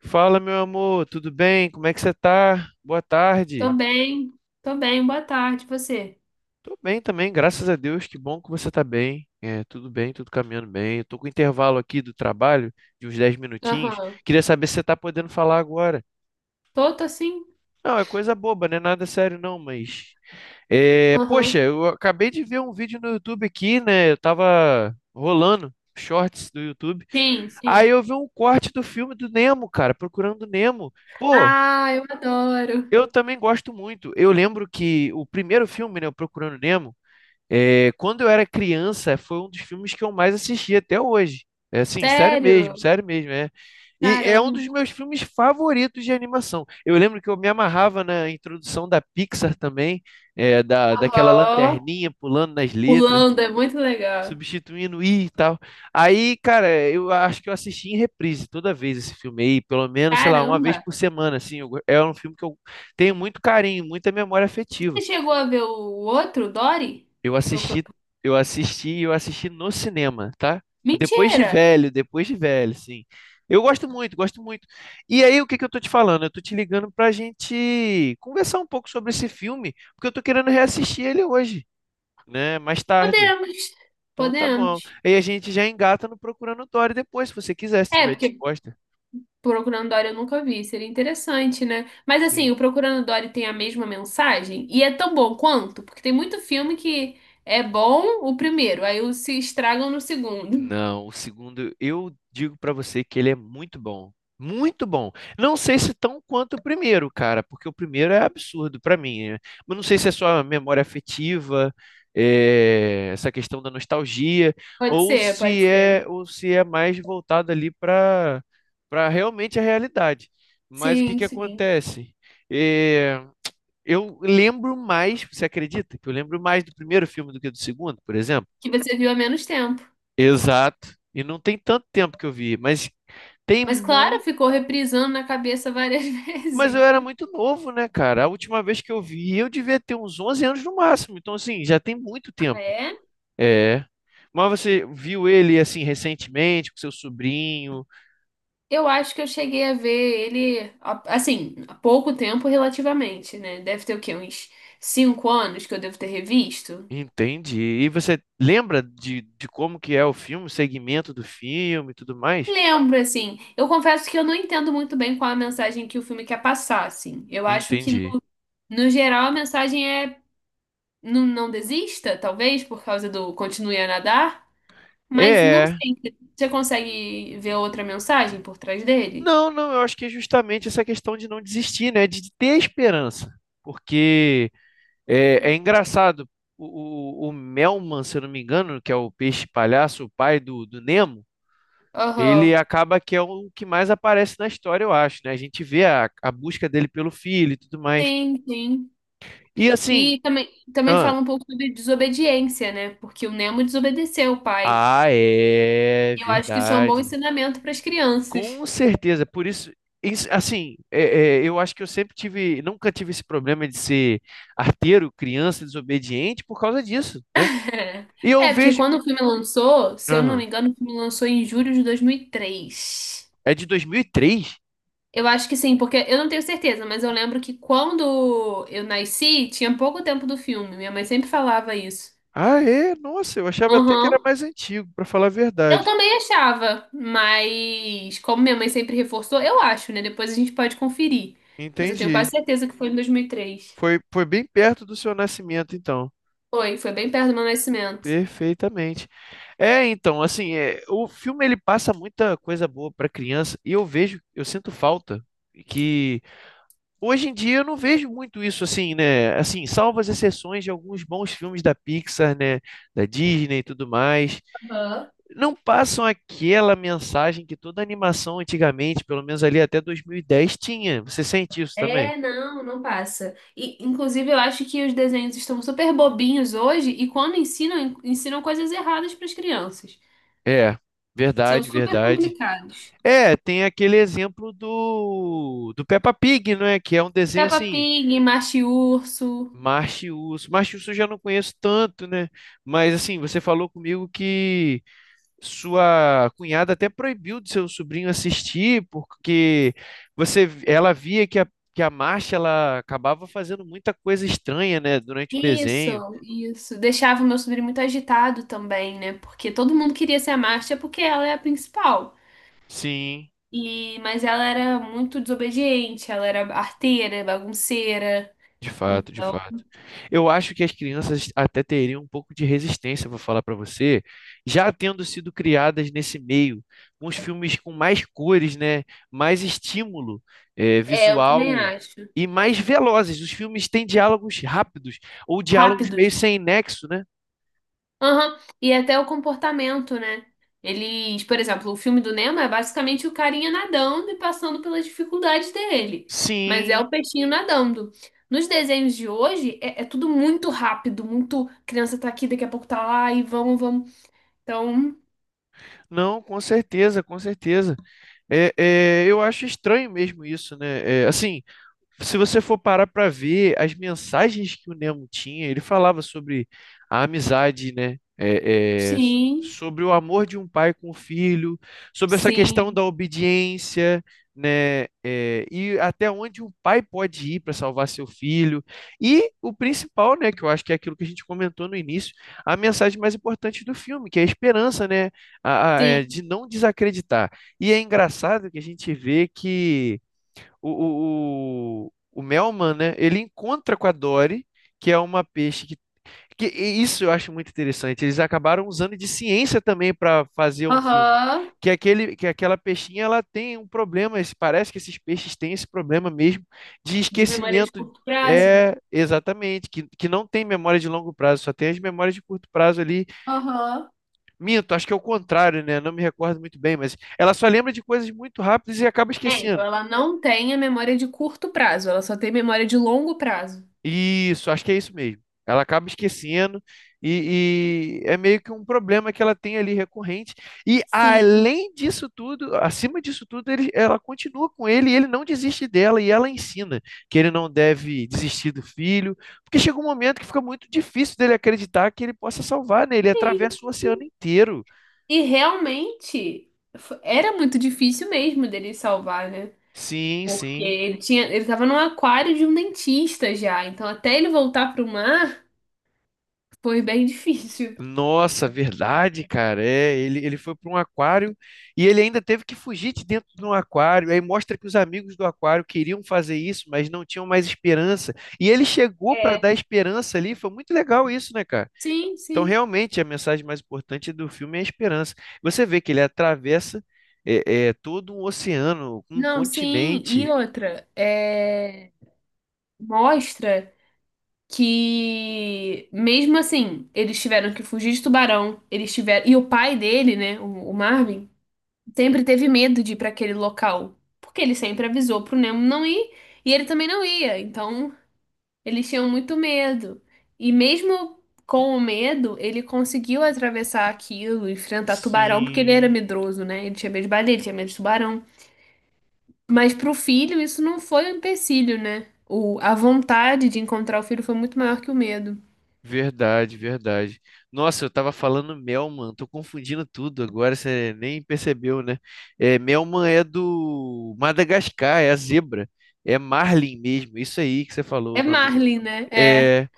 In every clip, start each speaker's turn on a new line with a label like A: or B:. A: Fala, meu amor, tudo bem? Como é que você tá? Boa
B: Tô
A: tarde.
B: bem, tô bem, boa tarde, você?
A: Tô bem também, graças a Deus. Que bom que você tá bem. É, tudo bem, tudo caminhando bem. Eu tô com intervalo aqui do trabalho de uns 10 minutinhos.
B: Aham.
A: Queria saber se você tá podendo falar agora.
B: Tô, tô sim?
A: Não, é coisa boba, né? Nada sério não, mas é,
B: Aham.
A: poxa, eu acabei de ver um vídeo no YouTube aqui, né? Eu tava rolando shorts do YouTube.
B: Sim,
A: Aí
B: sim.
A: eu vi um corte do filme do Nemo, cara, Procurando Nemo. Pô,
B: Ah, eu adoro.
A: eu também gosto muito. Eu lembro que o primeiro filme, né, o Procurando Nemo, é, quando eu era criança, foi um dos filmes que eu mais assisti até hoje. É assim,
B: Sério?
A: sério mesmo, é. E é um dos
B: Caramba.
A: meus filmes favoritos de animação. Eu lembro que eu me amarrava na introdução da Pixar também, é, daquela
B: Aham.
A: lanterninha pulando nas letras e
B: Pulando, é muito legal.
A: substituindo e tal. Aí, cara, eu acho que eu assisti em reprise toda vez esse filme aí, pelo menos, sei lá, uma vez
B: Caramba.
A: por semana, assim. É um filme que eu tenho muito carinho, muita memória afetiva.
B: Você chegou a ver o outro, Dory?
A: Eu assisti,
B: Procurando.
A: eu assisti no cinema, tá?
B: Mentira!
A: Depois de velho, sim. Eu gosto muito, gosto muito. E aí, o que que eu tô te falando? Eu tô te ligando pra gente conversar um pouco sobre esse filme, porque eu tô querendo reassistir ele hoje, né? Mais tarde.
B: Podemos,
A: Então tá bom.
B: podemos.
A: E a gente já engata no Procurando Dory depois, se você quiser, se
B: É,
A: estiver
B: porque
A: disposta.
B: Procurando Dory eu nunca vi, seria interessante, né? Mas assim,
A: Sim.
B: o Procurando Dory tem a mesma mensagem e é tão bom quanto, porque tem muito filme que é bom o primeiro, aí os se estragam no segundo.
A: Não, o segundo, eu digo pra você que ele é muito bom. Muito bom. Não sei se tão quanto o primeiro, cara, porque o primeiro é absurdo pra mim. Né? Mas não sei se é só a memória afetiva, é, essa questão da nostalgia,
B: Pode ser, pode ser.
A: ou se é mais voltado ali para realmente a realidade. Mas o que
B: Sim,
A: que
B: sim.
A: acontece? É, eu lembro mais, você acredita que eu lembro mais do primeiro filme do que do segundo, por exemplo?
B: Que você viu há menos tempo.
A: Exato. E não tem tanto tempo que eu vi, mas tem
B: Mas claro,
A: muito.
B: ficou reprisando na cabeça várias
A: Mas eu
B: vezes.
A: era muito novo, né, cara? A última vez que eu vi, eu devia ter uns 11 anos no máximo. Então, assim, já tem muito
B: Ah,
A: tempo.
B: é?
A: É. Mas você viu ele, assim, recentemente, com seu sobrinho?
B: Eu acho que eu cheguei a ver ele, assim, há pouco tempo relativamente, né? Deve ter o quê? Uns 5 anos que eu devo ter revisto.
A: Entendi. E você lembra de como que é o filme, o segmento do filme e tudo mais?
B: Lembro, assim. Eu confesso que eu não entendo muito bem qual a mensagem que o filme quer passar, assim. Eu acho que, no,
A: Entendi.
B: no geral, a mensagem é não, não desista, talvez, por causa do continue a nadar. Mas não
A: É,
B: sei. Você consegue ver outra mensagem por trás dele?
A: não, não, eu acho que é justamente essa questão de não desistir, né? De ter esperança. Porque é, é engraçado, o Melman, se eu não me engano, que é o peixe palhaço, o pai do Nemo, ele
B: Aham.
A: acaba que é o que mais aparece na história, eu acho, né? A gente vê a busca dele pelo filho e tudo mais.
B: Sim, sim.
A: E assim,
B: E também, também
A: ah,
B: fala um pouco sobre desobediência, né? Porque o Nemo desobedeceu o pai.
A: ah, é
B: E eu acho que isso é um bom
A: verdade.
B: ensinamento para as crianças.
A: Com certeza, por isso, assim, é, eu acho que eu sempre tive, nunca tive esse problema de ser arteiro, criança, desobediente por causa disso, né?
B: É.
A: E eu
B: É, porque
A: vejo,
B: quando o filme lançou, se eu não me
A: aham.
B: engano, o filme lançou em julho de 2003.
A: É de 2003.
B: Eu acho que sim, porque eu não tenho certeza, mas eu lembro que quando eu nasci, tinha pouco tempo do filme. Minha mãe sempre falava isso.
A: Ah, é? Nossa, eu achava até que era
B: Aham.
A: mais antigo, para falar a
B: Eu
A: verdade.
B: também achava, mas como minha mãe sempre reforçou, eu acho, né? Depois a gente pode conferir. Mas eu tenho
A: Entendi.
B: quase certeza que foi em 2003.
A: Foi, foi bem perto do seu nascimento, então.
B: Foi, foi bem perto do meu nascimento.
A: Perfeitamente. É, então, assim, é, o filme ele passa muita coisa boa para criança e eu vejo, eu sinto falta que hoje em dia eu não vejo muito isso assim, né? Assim, salvo as exceções de alguns bons filmes da Pixar, né? Da Disney e tudo mais,
B: Aham.
A: não passam aquela mensagem que toda animação antigamente, pelo menos ali até 2010, tinha. Você sente isso também?
B: É, não, não passa. E, inclusive, eu acho que os desenhos estão super bobinhos hoje e quando ensinam, ensinam coisas erradas para as crianças.
A: É,
B: São
A: verdade,
B: super
A: verdade.
B: complicados.
A: É, tem aquele exemplo do Peppa Pig, não é? Que é um desenho
B: Peppa
A: assim,
B: Pig, Macho e Urso.
A: Marte e Urso. Marte e Urso eu já não conheço tanto, né? Mas assim, você falou comigo que sua cunhada até proibiu do seu sobrinho assistir, porque você, ela via que que a Marcia ela acabava fazendo muita coisa estranha, né, durante o
B: Isso,
A: desenho.
B: isso. Deixava o meu sobrinho muito agitado também, né? Porque todo mundo queria ser a Marcia porque ela é a principal.
A: Sim.
B: E, mas ela era muito desobediente, ela era arteira, bagunceira.
A: De fato, de
B: Então,
A: fato. Eu acho que as crianças até teriam um pouco de resistência, vou falar para você, já tendo sido criadas nesse meio, com os filmes com mais cores, né? Mais estímulo,
B: é, eu
A: visual
B: também acho.
A: e mais velozes. Os filmes têm diálogos rápidos ou diálogos meio
B: Rápidos.
A: sem nexo, né?
B: Aham. E até o comportamento, né? Eles, por exemplo, o filme do Nemo é basicamente o carinha nadando e passando pelas dificuldades dele. Mas é
A: Sim,
B: o peixinho nadando. Nos desenhos de hoje, é tudo muito rápido, muito criança tá aqui, daqui a pouco tá lá e vamos, vamos. Então,
A: não, com certeza, com certeza. É, é, eu acho estranho mesmo isso, né? É, assim. Se você for parar para ver as mensagens que o Nemo tinha, ele falava sobre a amizade, né? É, é,
B: sim,
A: sobre o amor de um pai com o filho, sobre essa questão
B: sim,
A: da obediência, né? É, e até onde um pai pode ir para salvar seu filho. E o principal, né? Que eu acho que é aquilo que a gente comentou no início, a mensagem mais importante do filme, que é a esperança, né? É,
B: sim.
A: de não desacreditar. E é engraçado que a gente vê que o Melman, né? Ele encontra com a Dory, que é uma peixe que e isso eu acho muito interessante. Eles acabaram usando de ciência também para fazer um filme.
B: Aham.
A: Que aquela peixinha ela tem um problema. Parece que esses peixes têm esse problema mesmo de
B: De memória de
A: esquecimento.
B: curto prazo.
A: É, exatamente, que não tem memória de longo prazo, só tem as memórias de curto prazo ali.
B: Aham.
A: Minto, acho que é o contrário, né? Não me recordo muito bem, mas ela só lembra de coisas muito rápidas e acaba
B: É, então
A: esquecendo.
B: ela não tem a memória de curto prazo, ela só tem memória de longo prazo.
A: Isso, acho que é isso mesmo. Ela acaba esquecendo e é meio que um problema que ela tem ali recorrente. E
B: Sim.
A: além disso tudo, acima disso tudo, ela continua com ele e ele não desiste dela e ela ensina que ele não deve desistir do filho, porque chega um momento que fica muito difícil dele acreditar que ele possa salvar, né? Ele
B: Sim.
A: atravessa o oceano inteiro.
B: E realmente era muito difícil mesmo dele salvar, né?
A: Sim,
B: Porque
A: sim.
B: ele tinha, ele tava num aquário de um dentista já, então até ele voltar pro mar foi bem difícil.
A: Nossa, verdade, cara. É, ele foi para um aquário e ele ainda teve que fugir de dentro de um aquário. Aí mostra que os amigos do aquário queriam fazer isso, mas não tinham mais esperança. E ele chegou para
B: É.
A: dar esperança ali. Foi muito legal isso, né, cara?
B: Sim,
A: Então,
B: sim.
A: realmente, a mensagem mais importante do filme é a esperança. Você vê que ele atravessa é, é, todo um oceano, um
B: Não, sim. E
A: continente.
B: outra, é, mostra que mesmo assim, eles tiveram que fugir de tubarão, eles tiveram, e o pai dele, né, o Marvin sempre teve medo de ir para aquele local, porque ele sempre avisou pro Nemo não ir e ele também não ia. Então, eles tinham muito medo. E mesmo com o medo, ele conseguiu atravessar aquilo, enfrentar tubarão, porque ele era
A: Sim.
B: medroso, né? Ele tinha medo de baleia, ele tinha medo de tubarão. Mas pro filho, isso não foi um empecilho, né? O, a vontade de encontrar o filho foi muito maior que o medo.
A: Verdade, verdade. Nossa, eu tava falando Melman, tô confundindo tudo agora, você nem percebeu, né? É, Melman é do Madagascar, é a zebra, é Marlin mesmo, isso aí que você falou o
B: É
A: nome do.
B: Marlin, né? É.
A: É,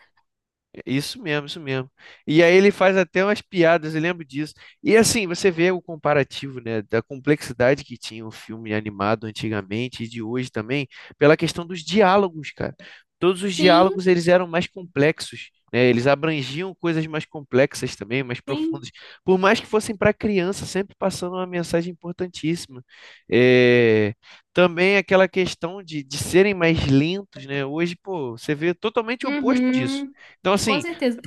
A: isso mesmo, isso mesmo. E aí ele faz até umas piadas, eu lembro disso. E assim, você vê o comparativo, né, da complexidade que tinha o filme animado antigamente e de hoje também, pela questão dos diálogos, cara. Todos os
B: Sim,
A: diálogos eles eram mais complexos, né? Eles abrangiam coisas mais complexas também, mais
B: sim.
A: profundas. Por mais que fossem para criança, sempre passando uma mensagem importantíssima. É... Também aquela questão de serem mais lentos, né? Hoje, pô, você vê totalmente o oposto disso.
B: Uhum.
A: Então,
B: Com
A: assim,
B: certeza.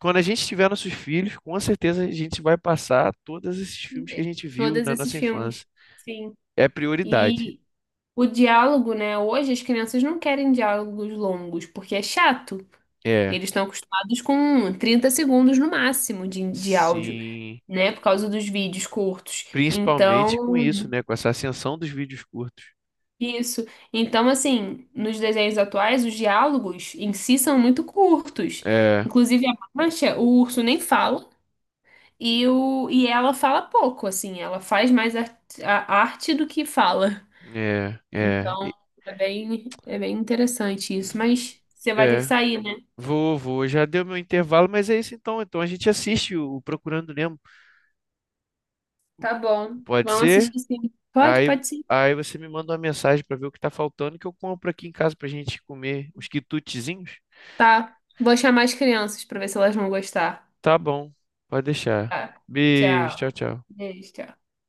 A: quando a gente tiver nossos filhos, com certeza a gente vai passar todos esses filmes que a gente viu
B: Todos
A: na
B: esses
A: nossa
B: filmes.
A: infância.
B: Sim.
A: É prioridade.
B: E o diálogo, né? Hoje as crianças não querem diálogos longos, porque é chato.
A: É,
B: Eles estão acostumados com 30 segundos no máximo de áudio,
A: sim.
B: né? Por causa dos vídeos curtos.
A: Principalmente com
B: Então,
A: isso, né? Com essa ascensão dos vídeos curtos.
B: isso. Então, assim, nos desenhos atuais, os diálogos em si são muito curtos.
A: É,
B: Inclusive, a Mancha, o urso nem fala. E ela fala pouco, assim, ela faz mais a arte do que fala.
A: é, é,
B: Então, é bem interessante isso. Mas você vai ter que
A: é.
B: sair, né?
A: Vou, vou. Já deu meu intervalo, mas é isso então. Então a gente assiste o Procurando Nemo.
B: Tá bom.
A: Pode
B: Vamos
A: ser?
B: assistir sim. Pode,
A: Aí,
B: pode sim.
A: aí você me manda uma mensagem para ver o que tá faltando que eu compro aqui em casa pra gente comer uns quitutezinhos.
B: Tá. Vou chamar as crianças para ver se elas vão gostar.
A: Tá bom, pode deixar.
B: Tá.
A: Beijo,
B: Tchau.
A: tchau, tchau.
B: Beijo, tchau.